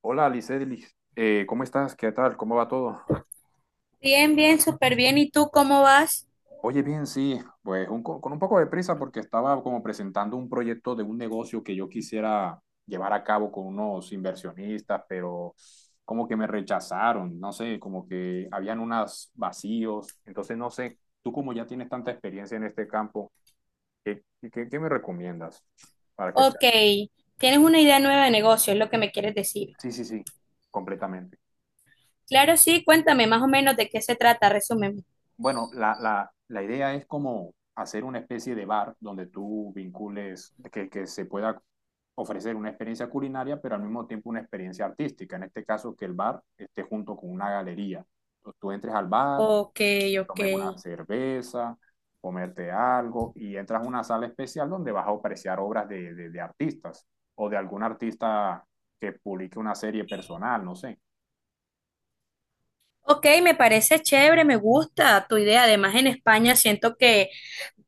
Hola, Alicelis, ¿cómo estás? ¿Qué tal? ¿Cómo va todo? Bien, bien, súper bien. ¿Y tú cómo vas? Oye, bien, sí, pues con un poco de prisa porque estaba como presentando un proyecto de un negocio que yo quisiera llevar a cabo con unos inversionistas, pero como que me rechazaron, no sé, como que habían unos vacíos, entonces no sé, tú como ya tienes tanta experiencia en este campo, ¿qué, qué me recomiendas para que sea? Ok, tienes una idea nueva de negocio, es lo que me quieres decir. Sí, sí, sí, completamente. Claro, sí, cuéntame más o menos de qué se trata, resúmeme. Bueno, la idea es como hacer una especie de bar donde tú vincules, que se pueda ofrecer una experiencia culinaria, pero al mismo tiempo una experiencia artística. En este caso, que el bar esté junto con una galería. Entonces, tú entres al bar, Ok, ok. tomes una cerveza, comerte algo y entras a una sala especial donde vas a apreciar obras de artistas o de algún artista que publique una serie personal, no sé. Ok, me parece chévere, me gusta tu idea. Además, en España siento que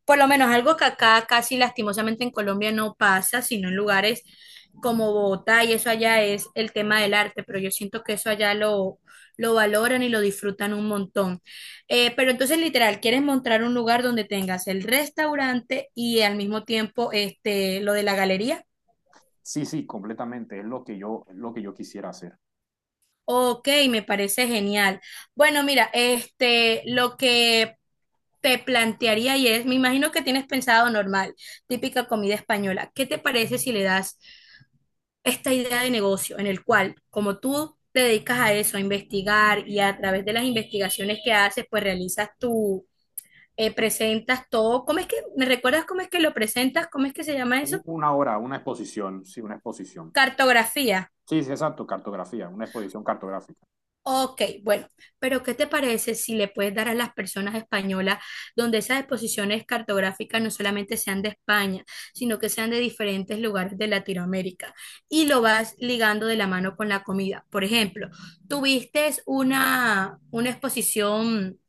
por lo menos algo que acá casi lastimosamente en Colombia no pasa, sino en lugares como Bogotá y eso allá es el tema del arte, pero yo siento que eso allá lo valoran y lo disfrutan un montón. Pero entonces, literal, quieres mostrar un lugar donde tengas el restaurante y al mismo tiempo este, lo de la galería. Sí, sí, completamente. Es lo que yo, es lo que yo quisiera hacer. Ok, me parece genial. Bueno, mira, este, lo que te plantearía y es, me imagino que tienes pensado normal, típica comida española. ¿Qué te parece si le das esta idea de negocio en el cual, como tú te dedicas a eso, a investigar y a través de las investigaciones que haces, pues realizas presentas todo. ¿Me recuerdas cómo es que lo presentas? ¿Cómo es que se llama eso? Una hora, una exposición. Cartografía. Sí, sí, exacto, cartografía, una exposición cartográfica. Ok, bueno, pero ¿qué te parece si le puedes dar a las personas españolas donde esas exposiciones cartográficas no solamente sean de España, sino que sean de diferentes lugares de Latinoamérica y lo vas ligando de la mano con la comida? Por ejemplo, tuviste una, una exposición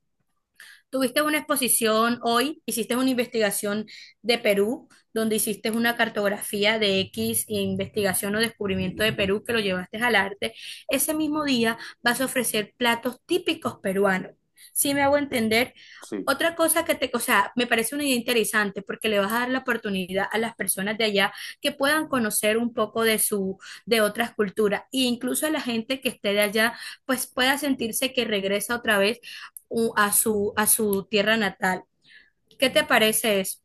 tuviste una exposición hoy, hiciste una investigación de Perú, donde hiciste una cartografía de X investigación o descubrimiento de Perú que lo llevaste al arte. Ese mismo día vas a ofrecer platos típicos peruanos. ¿Si me hago entender? Sí, Otra cosa que te, o sea, me parece una idea interesante porque le vas a dar la oportunidad a las personas de allá que puedan conocer un poco de de otras culturas e incluso a la gente que esté de allá, pues pueda sentirse que regresa otra vez a su tierra natal. ¿Qué te parece eso?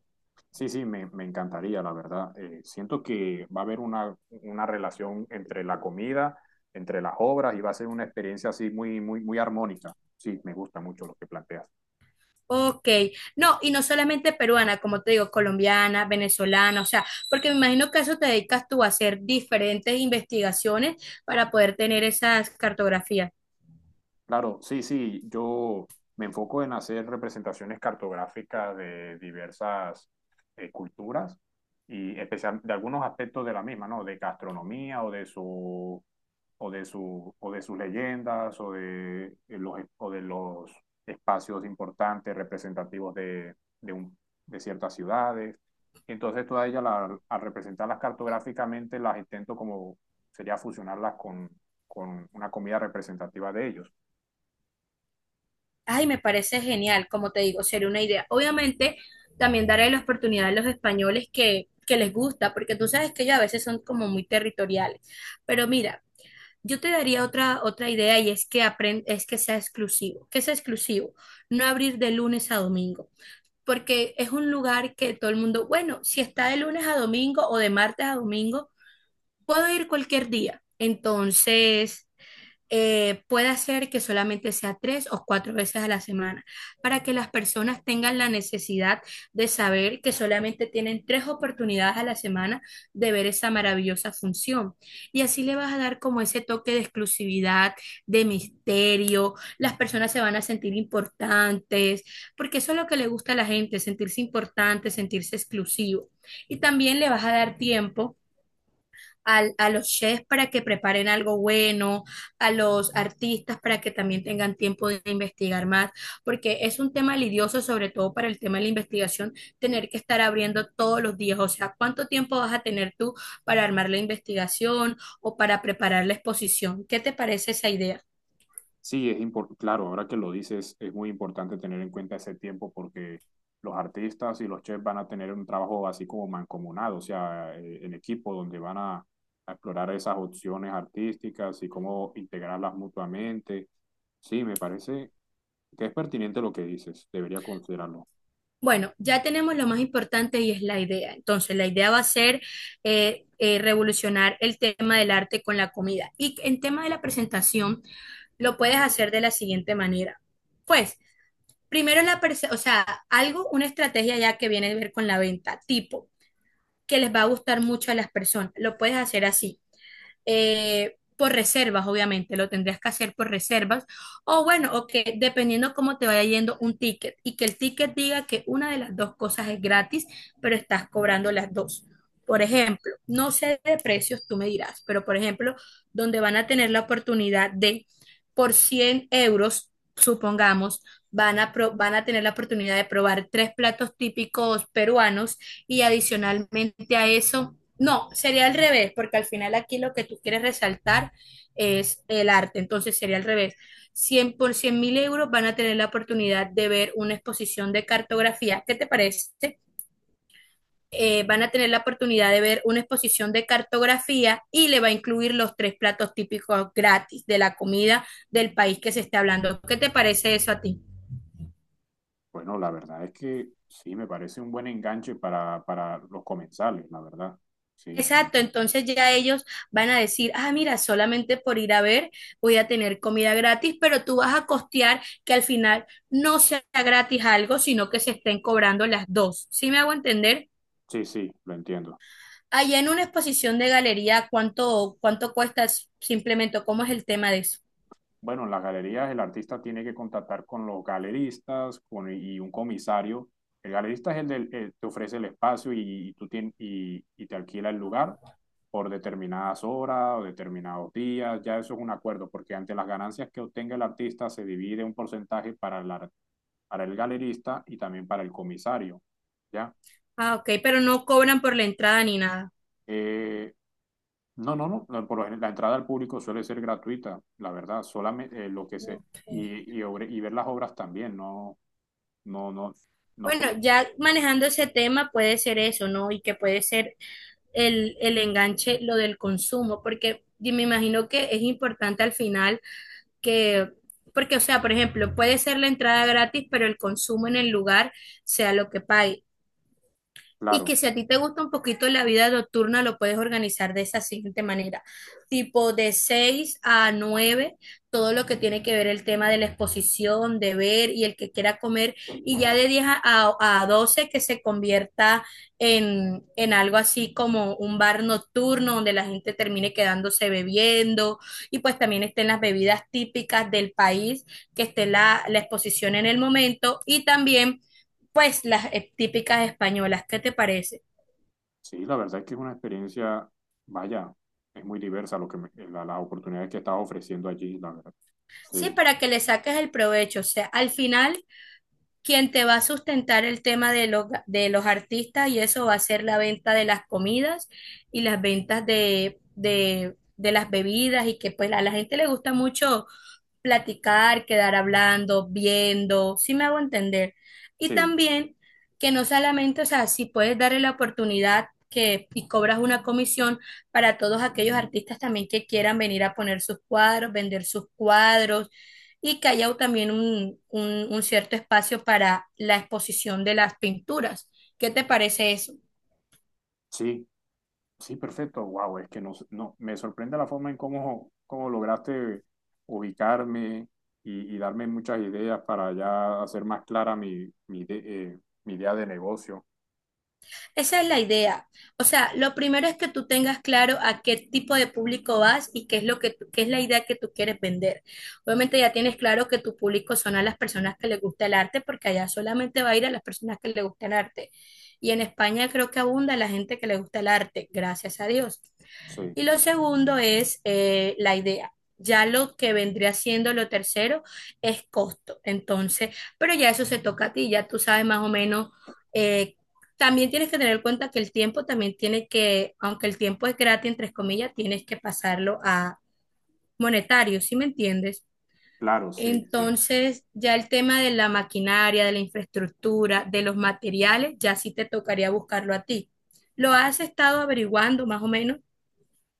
sí, sí, me encantaría, la verdad. Siento que va a haber una relación entre la comida, entre las obras y va a ser una experiencia así muy, muy, muy armónica. Sí, me gusta mucho lo que planteas. Ok, no, y no solamente peruana, como te digo, colombiana, venezolana, o sea, porque me imagino que a eso te dedicas tú a hacer diferentes investigaciones para poder tener esas cartografías. Claro, sí, sí, yo me enfoco en hacer representaciones cartográficas de diversas culturas y especial de algunos aspectos de la misma, ¿no? De gastronomía o de su o de su o de sus leyendas o de los espacios importantes representativos de un- de ciertas ciudades. Entonces, todas ellas al representarlas cartográficamente las intento como sería fusionarlas con una comida representativa de ellos. Ay, me parece genial, como te digo, sería una idea. Obviamente, también daré la oportunidad a los españoles que les gusta, porque tú sabes que ellos a veces son como muy territoriales. Pero mira, yo te daría otra idea y es que sea exclusivo, no abrir de lunes a domingo, porque es un lugar que todo el mundo, bueno, si está de lunes a domingo o de martes a domingo, puedo ir cualquier día. Entonces, puede hacer que solamente sea 3 o 4 veces a la semana, para que las personas tengan la necesidad de saber que solamente tienen 3 oportunidades a la semana de ver esa maravillosa función. Y así le vas a dar como ese toque de exclusividad, de misterio, las personas se van a sentir importantes, porque eso es lo que le gusta a la gente, sentirse importante, sentirse exclusivo. Y también le vas a dar tiempo a los chefs para que preparen algo bueno, a los artistas para que también tengan tiempo de investigar más, porque es un tema lidioso, sobre todo para el tema de la investigación, tener que estar abriendo todos los días. O sea, ¿cuánto tiempo vas a tener tú para armar la investigación o para preparar la exposición? ¿Qué te parece esa idea? Sí, es importante, claro, ahora que lo dices, es muy importante tener en cuenta ese tiempo porque los artistas y los chefs van a tener un trabajo así como mancomunado, o sea, en equipo, donde a explorar esas opciones artísticas y cómo integrarlas mutuamente. Sí, me parece que es pertinente lo que dices, debería considerarlo. Bueno, ya tenemos lo más importante y es la idea. Entonces, la idea va a ser revolucionar el tema del arte con la comida. Y en tema de la presentación, lo puedes hacer de la siguiente manera. Pues, primero o sea, algo, una estrategia ya que viene a ver con la venta, tipo, que les va a gustar mucho a las personas. Lo puedes hacer así por reservas, obviamente, lo tendrías que hacer por reservas. O bueno, o que dependiendo cómo te vaya yendo un ticket y que el ticket diga que una de las dos cosas es gratis, pero estás cobrando las dos. Por ejemplo, no sé de precios, tú me dirás, pero por ejemplo, donde van a tener la oportunidad de, por 100 euros, supongamos, van a tener la oportunidad de probar tres platos típicos peruanos y adicionalmente a eso no, sería al revés, porque al final aquí lo que tú quieres resaltar es el arte, entonces sería al revés. 100 por 100.000 euros van a tener la oportunidad de ver una exposición de cartografía. ¿Qué te parece? Van a tener la oportunidad de ver una exposición de cartografía y le va a incluir los tres platos típicos gratis de la comida del país que se esté hablando. ¿Qué te parece eso a ti? Bueno, la verdad es que sí, me parece un buen enganche para los comensales, la verdad. Sí, Exacto, entonces ya ellos van a decir, ah, mira, solamente por ir a ver voy a tener comida gratis, pero tú vas a costear que al final no sea gratis algo, sino que se estén cobrando las dos. ¿Sí me hago entender? sí, sí, lo entiendo. Allá en una exposición de galería, ¿cuánto, cuánto cuesta simplemente? ¿Cómo es el tema de eso? Bueno, en las galerías el artista tiene que contactar con los galeristas con, y un comisario. El galerista es el del, te ofrece el espacio y tú tienes y te alquila el lugar por determinadas horas o determinados días. Ya eso es un acuerdo, porque ante las ganancias que obtenga el artista se divide un porcentaje para el galerista y también para el comisario. ¿Ya? Ah, ok, pero no cobran por la entrada ni nada. Eh, no, no, no, no. Por ejemplo, la entrada al público suele ser gratuita, la verdad. Solamente lo que se Ok. Y ver las obras también, no. No, no, no, Bueno, ya manejando ese tema puede ser eso, ¿no? Y que puede ser el enganche, lo del consumo, porque me imagino que es importante al final que, porque, o sea, por ejemplo, puede ser la entrada gratis, pero el consumo en el lugar sea lo que pague. Y que claro, si a ti te gusta un poquito la vida nocturna, lo puedes organizar de esa siguiente manera. Tipo de 6 a 9 todo lo que tiene que ver el tema de la exposición, de ver y el que quiera comer. Y ya de 10 a 12 que se convierta en algo así como un bar nocturno donde la gente termine quedándose bebiendo. Y pues también estén las bebidas típicas del país, que esté la, la exposición en el momento. Y también pues las típicas españolas. ¿Qué te parece? sí, la verdad es que es una experiencia, vaya, es muy diversa lo que las oportunidades que estás ofreciendo allí, la verdad. Sí, Sí, para que le saques el provecho. O sea, al final, quien te va a sustentar el tema de los artistas y eso va a ser la venta de las comidas y las ventas de, las bebidas y que pues a la gente le gusta mucho platicar, quedar hablando, viendo, si me hago entender. Y sí, también que no solamente, o sea, si puedes darle la oportunidad que y cobras una comisión para todos aquellos artistas también que quieran venir a poner sus cuadros, vender sus cuadros y que haya también un, un cierto espacio para la exposición de las pinturas. ¿Qué te parece eso? sí, sí, perfecto. Wow, es que no, no, me sorprende la forma en cómo, cómo lograste ubicarme y darme muchas ideas para ya hacer más clara mi idea de negocio. Esa es la idea. O sea, lo primero es que tú tengas claro a qué tipo de público vas y qué es la idea que tú quieres vender. Obviamente ya tienes claro que tu público son a las personas que les gusta el arte, porque allá solamente va a ir a las personas que les gusta el arte. Y en España creo que abunda la gente que le gusta el arte, gracias a Dios. Sí, Y lo segundo es la idea. Ya lo que vendría siendo lo tercero es costo. Entonces, pero ya eso se toca a ti, ya tú sabes más o menos. eh, También tienes que tener en cuenta que el tiempo también tiene que, aunque el tiempo es gratis, entre comillas, tienes que pasarlo a monetario, ¿sí me entiendes? claro, sí, sí. Entonces, ya el tema de la maquinaria, de la infraestructura, de los materiales, ya sí te tocaría buscarlo a ti. ¿Lo has estado averiguando más o menos?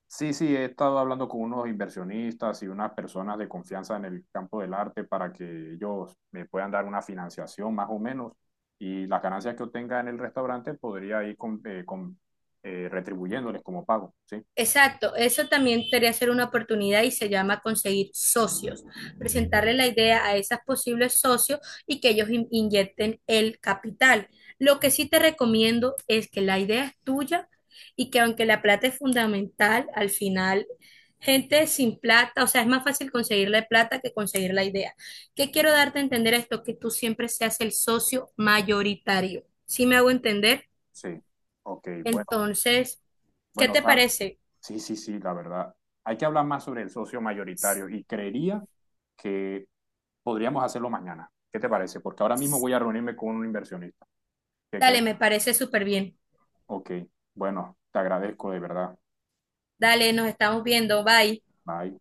Sí, sí, he estado hablando con unos inversionistas y unas personas de confianza en el campo del arte para que ellos me puedan dar una financiación más o menos y las ganancias que obtenga en el restaurante podría ir retribuyéndoles como pago, ¿sí? Exacto, eso también podría ser una oportunidad y se llama conseguir socios, presentarle la idea a esos posibles socios y que ellos inyecten el capital. Lo que sí te recomiendo es que la idea es tuya y que aunque la plata es fundamental, al final gente sin plata, o sea, es más fácil conseguir la plata que conseguir la idea. ¿Qué quiero darte a entender esto? Que tú siempre seas el socio mayoritario. ¿Sí me hago entender? Sí, ok, bueno, Entonces, ¿qué bueno, te tal. parece? Sí, sí, sí, la verdad. Hay que hablar más sobre el socio mayoritario y creería que podríamos hacerlo mañana. ¿Qué te parece? Porque ahora mismo voy a reunirme con un inversionista. ¿Qué Dale, crees? me parece súper bien. Ok, bueno, te agradezco de verdad. Dale, nos estamos viendo. Bye. Bye.